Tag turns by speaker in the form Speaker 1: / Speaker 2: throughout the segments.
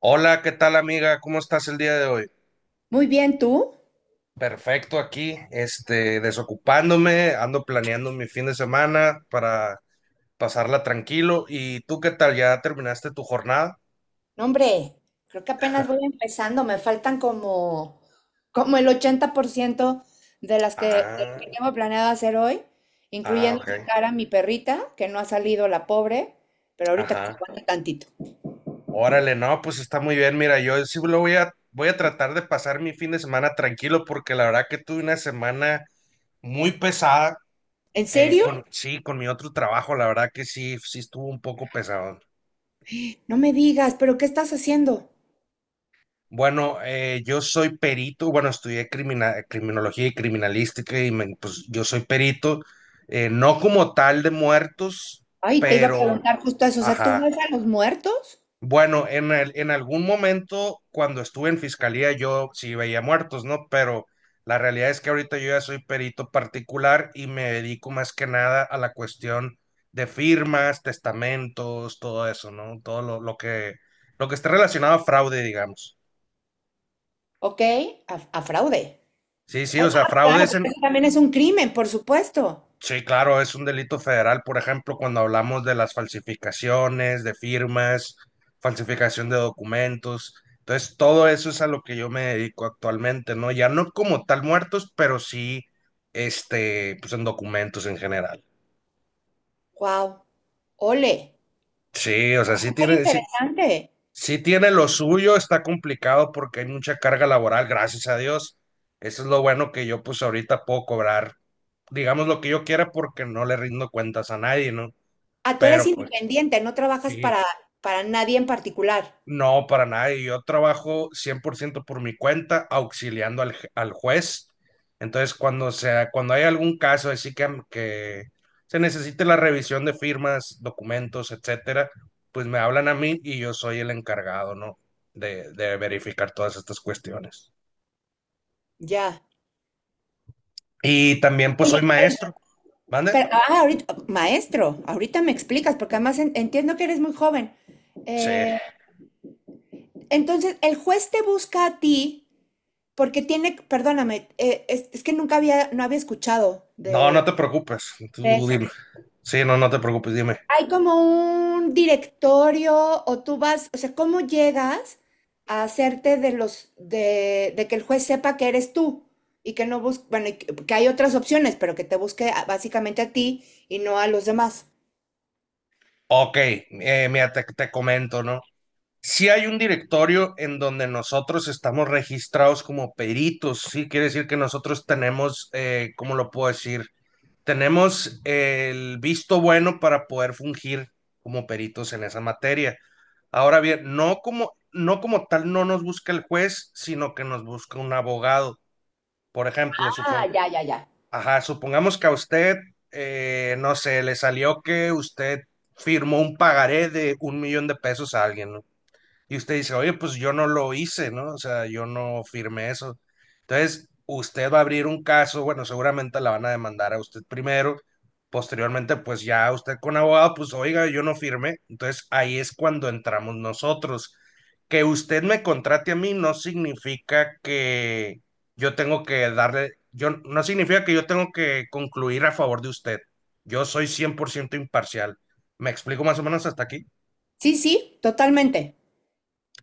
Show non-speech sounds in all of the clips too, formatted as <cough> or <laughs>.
Speaker 1: Hola, ¿qué tal amiga? ¿Cómo estás el día de hoy?
Speaker 2: Muy bien, ¿tú?
Speaker 1: Perfecto aquí, este, desocupándome, ando planeando mi fin de semana para pasarla tranquilo. ¿Y tú qué tal? ¿Ya terminaste tu jornada?
Speaker 2: No, hombre, creo que apenas voy empezando, me faltan como el 80% de las que, de lo que
Speaker 1: Ah,
Speaker 2: tengo planeado hacer hoy,
Speaker 1: ah,
Speaker 2: incluyendo
Speaker 1: ok.
Speaker 2: sacar a mi perrita, que no ha salido la pobre, pero ahorita que se
Speaker 1: Ajá.
Speaker 2: aguante tantito.
Speaker 1: Órale, no, pues está muy bien. Mira, yo sí lo voy a tratar de pasar mi fin de semana tranquilo porque la verdad que tuve una semana muy pesada.
Speaker 2: ¿En
Speaker 1: Sí.
Speaker 2: serio?
Speaker 1: Sí, con mi otro trabajo, la verdad que sí, sí estuvo un poco pesado.
Speaker 2: No me digas, pero ¿qué estás haciendo?
Speaker 1: Bueno, yo soy perito, bueno, estudié criminología y criminalística y pues yo soy perito, no como tal de muertos,
Speaker 2: Ay, te iba a
Speaker 1: pero,
Speaker 2: preguntar justo eso, o sea, ¿tú
Speaker 1: ajá.
Speaker 2: vas a los muertos?
Speaker 1: Bueno, en algún momento cuando estuve en fiscalía yo sí veía muertos, ¿no? Pero la realidad es que ahorita yo ya soy perito particular y me dedico más que nada a la cuestión de firmas, testamentos, todo eso, ¿no? Todo lo que esté relacionado a fraude, digamos.
Speaker 2: Ok, a fraude.
Speaker 1: Sí, sí,
Speaker 2: Ah,
Speaker 1: o sea,
Speaker 2: claro,
Speaker 1: fraudes
Speaker 2: porque
Speaker 1: en.
Speaker 2: eso también es un crimen, por supuesto.
Speaker 1: Sí, claro, es un delito federal, por ejemplo, cuando hablamos de las falsificaciones, de firmas, falsificación de documentos. Entonces, todo eso es a lo que yo me dedico actualmente, ¿no? Ya no como tal muertos, pero sí, este, pues en documentos en general.
Speaker 2: Wow, ole,
Speaker 1: Sí, o sea,
Speaker 2: súper interesante.
Speaker 1: sí tiene lo suyo, está complicado porque hay mucha carga laboral, gracias a Dios. Eso es lo bueno que yo pues ahorita puedo cobrar, digamos lo que yo quiera porque no le rindo cuentas a nadie, ¿no?
Speaker 2: Ah, tú eres
Speaker 1: Pero pues
Speaker 2: independiente, no trabajas
Speaker 1: sí.
Speaker 2: para nadie en particular.
Speaker 1: No, para nada. Y yo trabajo 100% por ciento por mi cuenta, auxiliando al, al juez. Entonces, cuando sea, cuando hay algún caso así que se necesite la revisión de firmas, documentos, etcétera, pues me hablan a mí y yo soy el encargado, ¿no? De verificar todas estas cuestiones.
Speaker 2: Ya.
Speaker 1: Y también, pues, soy
Speaker 2: Pero.
Speaker 1: maestro. ¿Mande?
Speaker 2: Ahorita, maestro, ahorita me explicas, porque además entiendo que eres muy joven.
Speaker 1: Sí.
Speaker 2: Eh, entonces, el juez te busca a ti porque tiene, perdóname, es que nunca había, no había escuchado
Speaker 1: No, no
Speaker 2: de,
Speaker 1: te preocupes.
Speaker 2: de
Speaker 1: Tú
Speaker 2: eso.
Speaker 1: dime. Sí, no, no te preocupes, dime.
Speaker 2: Hay como un directorio o tú vas, o sea, ¿cómo llegas a hacerte de los de que el juez sepa que eres tú y que no busque, bueno, y que hay otras opciones, pero que te busque básicamente a ti y no a los demás?
Speaker 1: Ok, mira, te comento, ¿no? Sí hay un directorio en donde nosotros estamos registrados como peritos, sí, quiere decir que nosotros tenemos, ¿cómo lo puedo decir? Tenemos el visto bueno para poder fungir como peritos en esa materia. Ahora bien, no como tal no nos busca el juez, sino que nos busca un abogado. Por ejemplo,
Speaker 2: Ah, ya, ya, ya.
Speaker 1: ajá, supongamos que a usted, no sé, le salió que usted firmó un pagaré de 1.000.000 de pesos a alguien, ¿no? Y usted dice, oye, pues yo no lo hice, ¿no? O sea, yo no firmé eso. Entonces, usted va a abrir un caso, bueno, seguramente la van a demandar a usted primero, posteriormente, pues ya usted con abogado, pues oiga, yo no firmé. Entonces, ahí es cuando entramos nosotros. Que usted me contrate a mí no significa que yo tengo que darle, yo, no significa que yo tengo que concluir a favor de usted. Yo soy 100% imparcial. ¿Me explico más o menos hasta aquí?
Speaker 2: Sí, sí, totalmente.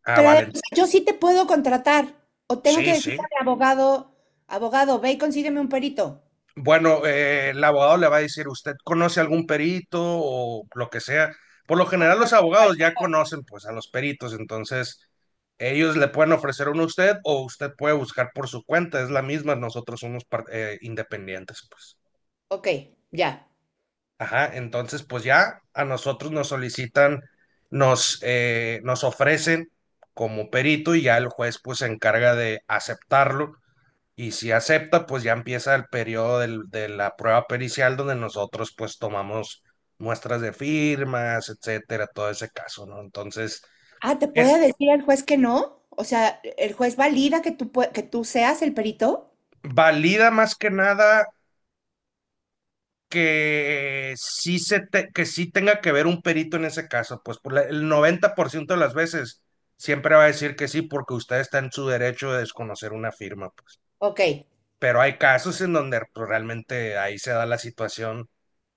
Speaker 1: Ah,
Speaker 2: Pero
Speaker 1: vale.
Speaker 2: además, yo sí te puedo contratar o tengo que
Speaker 1: Sí,
Speaker 2: decirle
Speaker 1: sí.
Speaker 2: a mi abogado, abogado, ve y consígueme un perito.
Speaker 1: Bueno, el abogado le va a decir, ¿usted conoce algún perito o lo que sea? Por lo general los abogados ya conocen pues a los peritos, entonces ellos le pueden ofrecer uno a usted o usted puede buscar por su cuenta, es la misma, nosotros somos independientes pues.
Speaker 2: Ok, ya.
Speaker 1: Ajá, entonces pues ya a nosotros nos solicitan, nos ofrecen como perito y ya el juez pues se encarga de aceptarlo y si acepta, pues ya empieza el periodo de la prueba pericial donde nosotros pues tomamos muestras de firmas, etcétera, todo ese caso, ¿no? Entonces,
Speaker 2: Ah, ¿te
Speaker 1: es
Speaker 2: puede decir el juez que no? O sea, ¿el juez valida que tú seas el perito?
Speaker 1: valida más que nada que sí tenga que ver un perito en ese caso, pues por el 90% de las veces siempre va a decir que sí porque usted está en su derecho de desconocer una firma, pues.
Speaker 2: Ok.
Speaker 1: Pero hay casos en donde pues, realmente ahí se da la situación,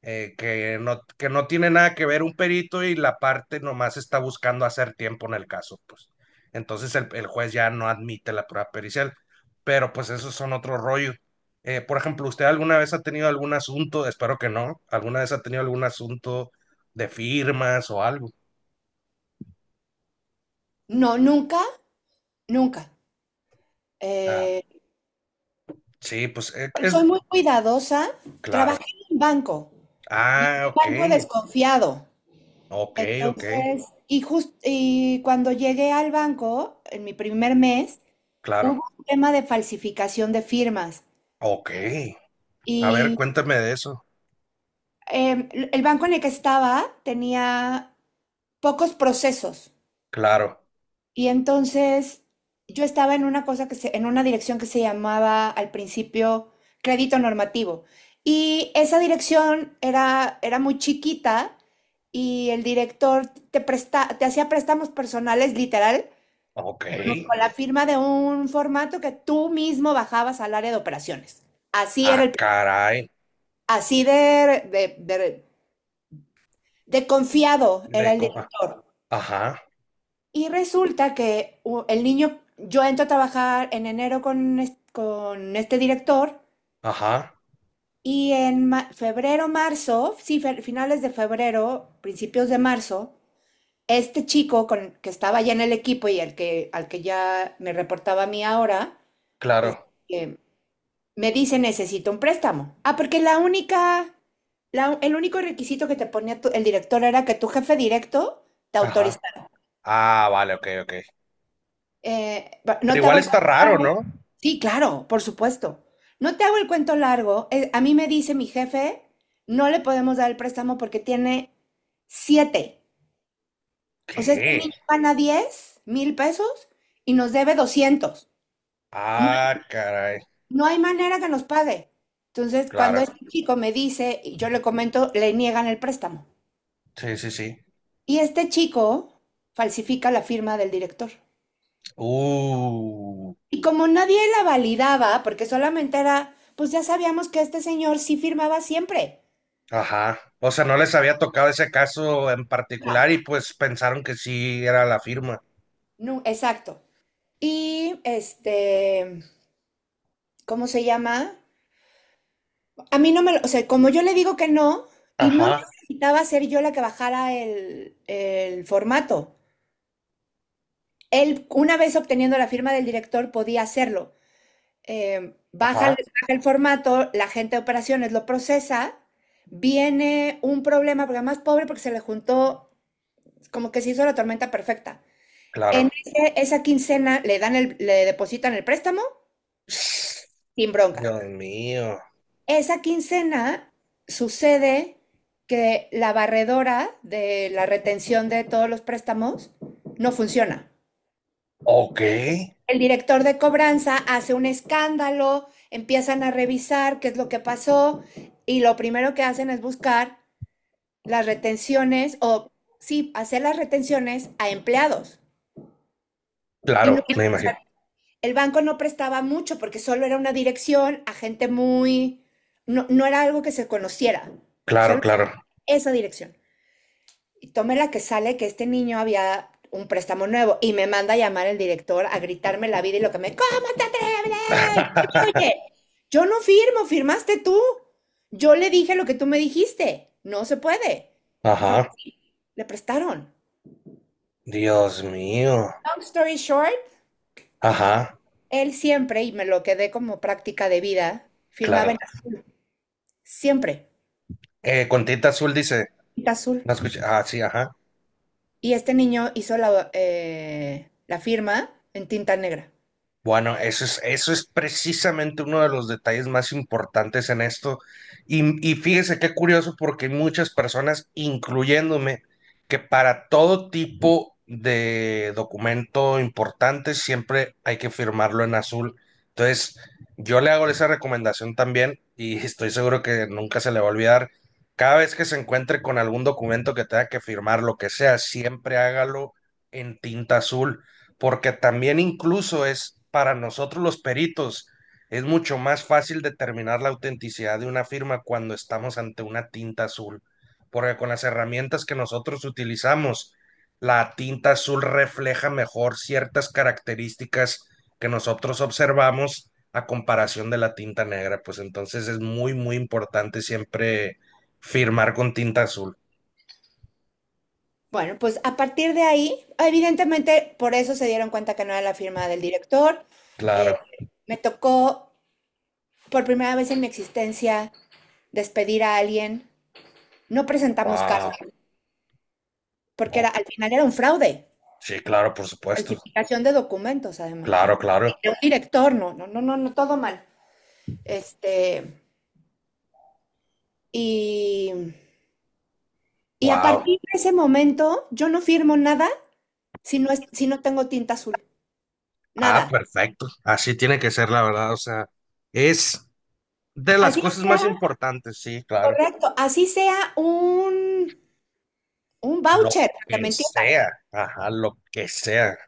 Speaker 1: que no tiene nada que ver un perito y la parte nomás está buscando hacer tiempo en el caso, pues. Entonces el juez ya no admite la prueba pericial, pero pues esos son otro rollo. Por ejemplo, ¿usted alguna vez ha tenido algún asunto, espero que no, alguna vez ha tenido algún asunto de firmas o algo?
Speaker 2: No, nunca, nunca.
Speaker 1: Ah,
Speaker 2: Eh,
Speaker 1: sí, pues es
Speaker 2: Soy muy cuidadosa. Trabajé
Speaker 1: claro.
Speaker 2: en un banco y
Speaker 1: Ah,
Speaker 2: un
Speaker 1: ok,
Speaker 2: banco desconfiado.
Speaker 1: ok, ok,
Speaker 2: Entonces, y cuando llegué al banco, en mi primer mes, hubo
Speaker 1: claro,
Speaker 2: un tema de falsificación de firmas.
Speaker 1: ok. A ver,
Speaker 2: Y
Speaker 1: cuéntame de eso.
Speaker 2: el banco en el que estaba tenía pocos procesos.
Speaker 1: Claro.
Speaker 2: Y entonces yo estaba en una cosa en una dirección que se llamaba al principio crédito normativo. Y esa dirección era muy chiquita y el director te hacía préstamos personales literal
Speaker 1: Ok.
Speaker 2: con la firma de un formato que tú mismo bajabas al área de operaciones. Así era
Speaker 1: Ah,
Speaker 2: el,
Speaker 1: caray.
Speaker 2: Así de confiado era el
Speaker 1: Ah,
Speaker 2: director.
Speaker 1: ajá,
Speaker 2: Y resulta que el niño, yo entro a trabajar en enero con este director
Speaker 1: ajá.
Speaker 2: y en febrero, marzo, sí, finales de febrero, principios de marzo, este chico que estaba ya en el equipo y al que ya me reportaba a mí ahora,
Speaker 1: Claro.
Speaker 2: eh, me dice necesito un préstamo. Ah, porque el único requisito que te ponía el director era que tu jefe directo te
Speaker 1: Ajá.
Speaker 2: autorizara.
Speaker 1: Ah, vale, ok, ok.
Speaker 2: Eh,
Speaker 1: Pero
Speaker 2: no te
Speaker 1: igual
Speaker 2: hago el
Speaker 1: está raro,
Speaker 2: contrato.
Speaker 1: ¿no?
Speaker 2: Sí, claro, por supuesto. No te hago el cuento largo. A mí me dice mi jefe, no le podemos dar el préstamo porque tiene siete. O sea, este
Speaker 1: ¿Qué?
Speaker 2: niño gana 10,000 pesos y nos debe 200. No hay,
Speaker 1: Ah, caray.
Speaker 2: no hay manera que nos pague. Entonces, cuando
Speaker 1: Claro.
Speaker 2: este chico me dice, y yo le comento, le niegan el préstamo.
Speaker 1: Sí, sí, sí.
Speaker 2: Y este chico falsifica la firma del director.
Speaker 1: Uh.
Speaker 2: Y como nadie la validaba, porque solamente era, pues ya sabíamos que este señor sí firmaba siempre.
Speaker 1: Ajá. O sea, no les había tocado ese caso en particular y pues pensaron que sí era la firma.
Speaker 2: No, exacto. Y este, ¿cómo se llama? A mí no me lo, o sea, como yo le digo que no, y no
Speaker 1: Ajá,
Speaker 2: necesitaba ser yo la que bajara el formato. Él, una vez obteniendo la firma del director, podía hacerlo. Eh, baja, el-
Speaker 1: ajá.
Speaker 2: Baja el formato, la gente de operaciones lo procesa, viene un problema, porque además pobre porque se le juntó, como que se hizo la tormenta perfecta.
Speaker 1: Claro.
Speaker 2: Esa quincena le dan le depositan el préstamo sin bronca.
Speaker 1: Dios mío.
Speaker 2: Esa quincena sucede que la barredora de la retención de todos los préstamos no funciona.
Speaker 1: Ok.
Speaker 2: El director de cobranza hace un escándalo, empiezan a revisar qué es lo que pasó y lo primero que hacen es buscar las retenciones o sí, hacer las retenciones a empleados. Y no,
Speaker 1: Claro, me
Speaker 2: o
Speaker 1: imagino.
Speaker 2: sea, el banco no prestaba mucho porque solo era una dirección a gente muy, no, no era algo que se conociera,
Speaker 1: Claro,
Speaker 2: solo
Speaker 1: claro.
Speaker 2: esa dirección. Y tome la que sale que este niño había un préstamo nuevo y me manda a llamar el director a gritarme la vida y lo que me, ¿cómo te atreves?
Speaker 1: <laughs>
Speaker 2: Oye, yo no firmo, firmaste tú. Yo le dije lo que tú me dijiste. No se puede. Mejor
Speaker 1: Ajá.
Speaker 2: le prestaron.
Speaker 1: Dios mío.
Speaker 2: Long story short,
Speaker 1: Ajá,
Speaker 2: él siempre, y me lo quedé como práctica de vida, firmaba
Speaker 1: claro.
Speaker 2: en azul. Siempre,
Speaker 1: Con tinta azul dice.
Speaker 2: tinta azul.
Speaker 1: No escuché. Ah, sí, ajá.
Speaker 2: Y este niño hizo la firma en tinta negra.
Speaker 1: Bueno, eso es precisamente uno de los detalles más importantes en esto. Y fíjese qué curioso porque hay muchas personas, incluyéndome, que para todo tipo de documento importante siempre hay que firmarlo en azul. Entonces, yo le hago esa recomendación también y estoy seguro que nunca se le va a olvidar. Cada vez que se encuentre con algún documento que tenga que firmar, lo que sea, siempre hágalo en tinta azul porque también incluso es para nosotros los peritos, es mucho más fácil determinar la autenticidad de una firma cuando estamos ante una tinta azul, porque con las herramientas que nosotros utilizamos, la tinta azul refleja mejor ciertas características que nosotros observamos a comparación de la tinta negra, pues entonces es muy, muy importante siempre firmar con tinta azul.
Speaker 2: Bueno, pues a partir de ahí, evidentemente por eso se dieron cuenta que no era la firma del director. Eh,
Speaker 1: Claro.
Speaker 2: Me tocó por primera vez en mi existencia despedir a alguien. No presentamos
Speaker 1: Wow.
Speaker 2: cargo porque era,
Speaker 1: Ok.
Speaker 2: al final era un fraude,
Speaker 1: Sí, claro, por supuesto.
Speaker 2: falsificación de documentos además.
Speaker 1: Claro, claro.
Speaker 2: De un director, no, no, no, no, no, todo mal. Este, y, y a
Speaker 1: Wow.
Speaker 2: partir de ese momento yo no firmo nada si no tengo tinta azul,
Speaker 1: Ah,
Speaker 2: nada.
Speaker 1: perfecto. Así tiene que ser, la verdad. O sea, es de las
Speaker 2: Así
Speaker 1: cosas
Speaker 2: sea.
Speaker 1: más importantes, sí, claro.
Speaker 2: Correcto, así sea un
Speaker 1: Lo
Speaker 2: voucher, para que
Speaker 1: que
Speaker 2: me entiendan,
Speaker 1: sea. Ajá, lo que sea.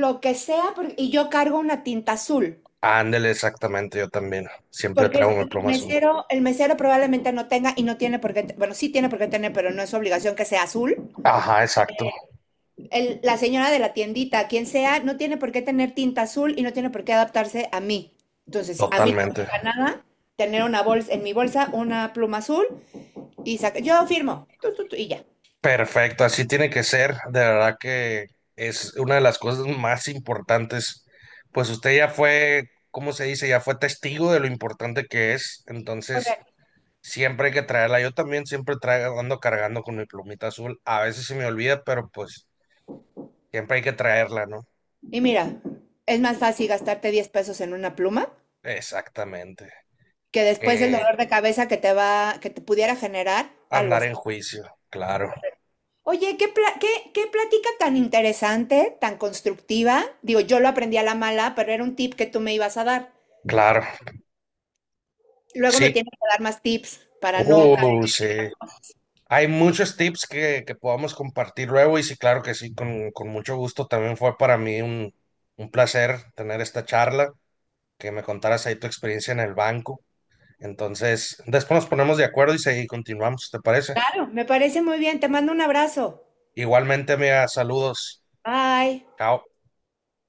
Speaker 2: lo que sea, y yo cargo una tinta azul,
Speaker 1: Ándele, exactamente, yo también. Siempre
Speaker 2: porque
Speaker 1: traigo mi
Speaker 2: el
Speaker 1: pluma azul.
Speaker 2: mesero, el mesero probablemente no tenga y no tiene por qué, bueno, sí tiene por qué tener, pero no es obligación que sea azul.
Speaker 1: Ajá, exacto.
Speaker 2: La señora de la tiendita, quien sea, no tiene por qué tener tinta azul y no tiene por qué adaptarse a mí. Entonces, si a mí no me
Speaker 1: Totalmente.
Speaker 2: pasa nada tener una bolsa, en mi bolsa una pluma azul y saca, yo firmo, tu, y ya.
Speaker 1: Perfecto, así tiene que ser. De verdad que es una de las cosas más importantes. Pues usted ya fue, ¿cómo se dice? Ya fue testigo de lo importante que es. Entonces,
Speaker 2: Correcto.
Speaker 1: siempre hay que traerla. Yo también siempre traigo, ando cargando con mi plumita azul. A veces se me olvida, pero pues siempre hay que traerla, ¿no?
Speaker 2: Y mira, es más fácil gastarte 10 pesos en una pluma
Speaker 1: Exactamente.
Speaker 2: que después el
Speaker 1: Eh,
Speaker 2: dolor de cabeza que te pudiera generar, algo
Speaker 1: Andar
Speaker 2: así.
Speaker 1: en juicio, claro,
Speaker 2: Oye, ¿qué plática tan interesante, tan constructiva. Digo, yo lo aprendí a la mala, pero era un tip que tú me ibas a dar.
Speaker 1: claro.
Speaker 2: Luego me
Speaker 1: Sí.
Speaker 2: tienes que dar más tips para no.
Speaker 1: Sí. Hay muchos tips que podamos compartir luego y sí, claro que sí, con mucho gusto. También fue para mí un, placer tener esta charla, que me contaras ahí tu experiencia en el banco. Entonces, después nos ponemos de acuerdo y seguimos, continuamos, ¿te parece?
Speaker 2: Claro, me parece muy bien. Te mando un abrazo.
Speaker 1: Igualmente, mira, saludos.
Speaker 2: Bye.
Speaker 1: Chao.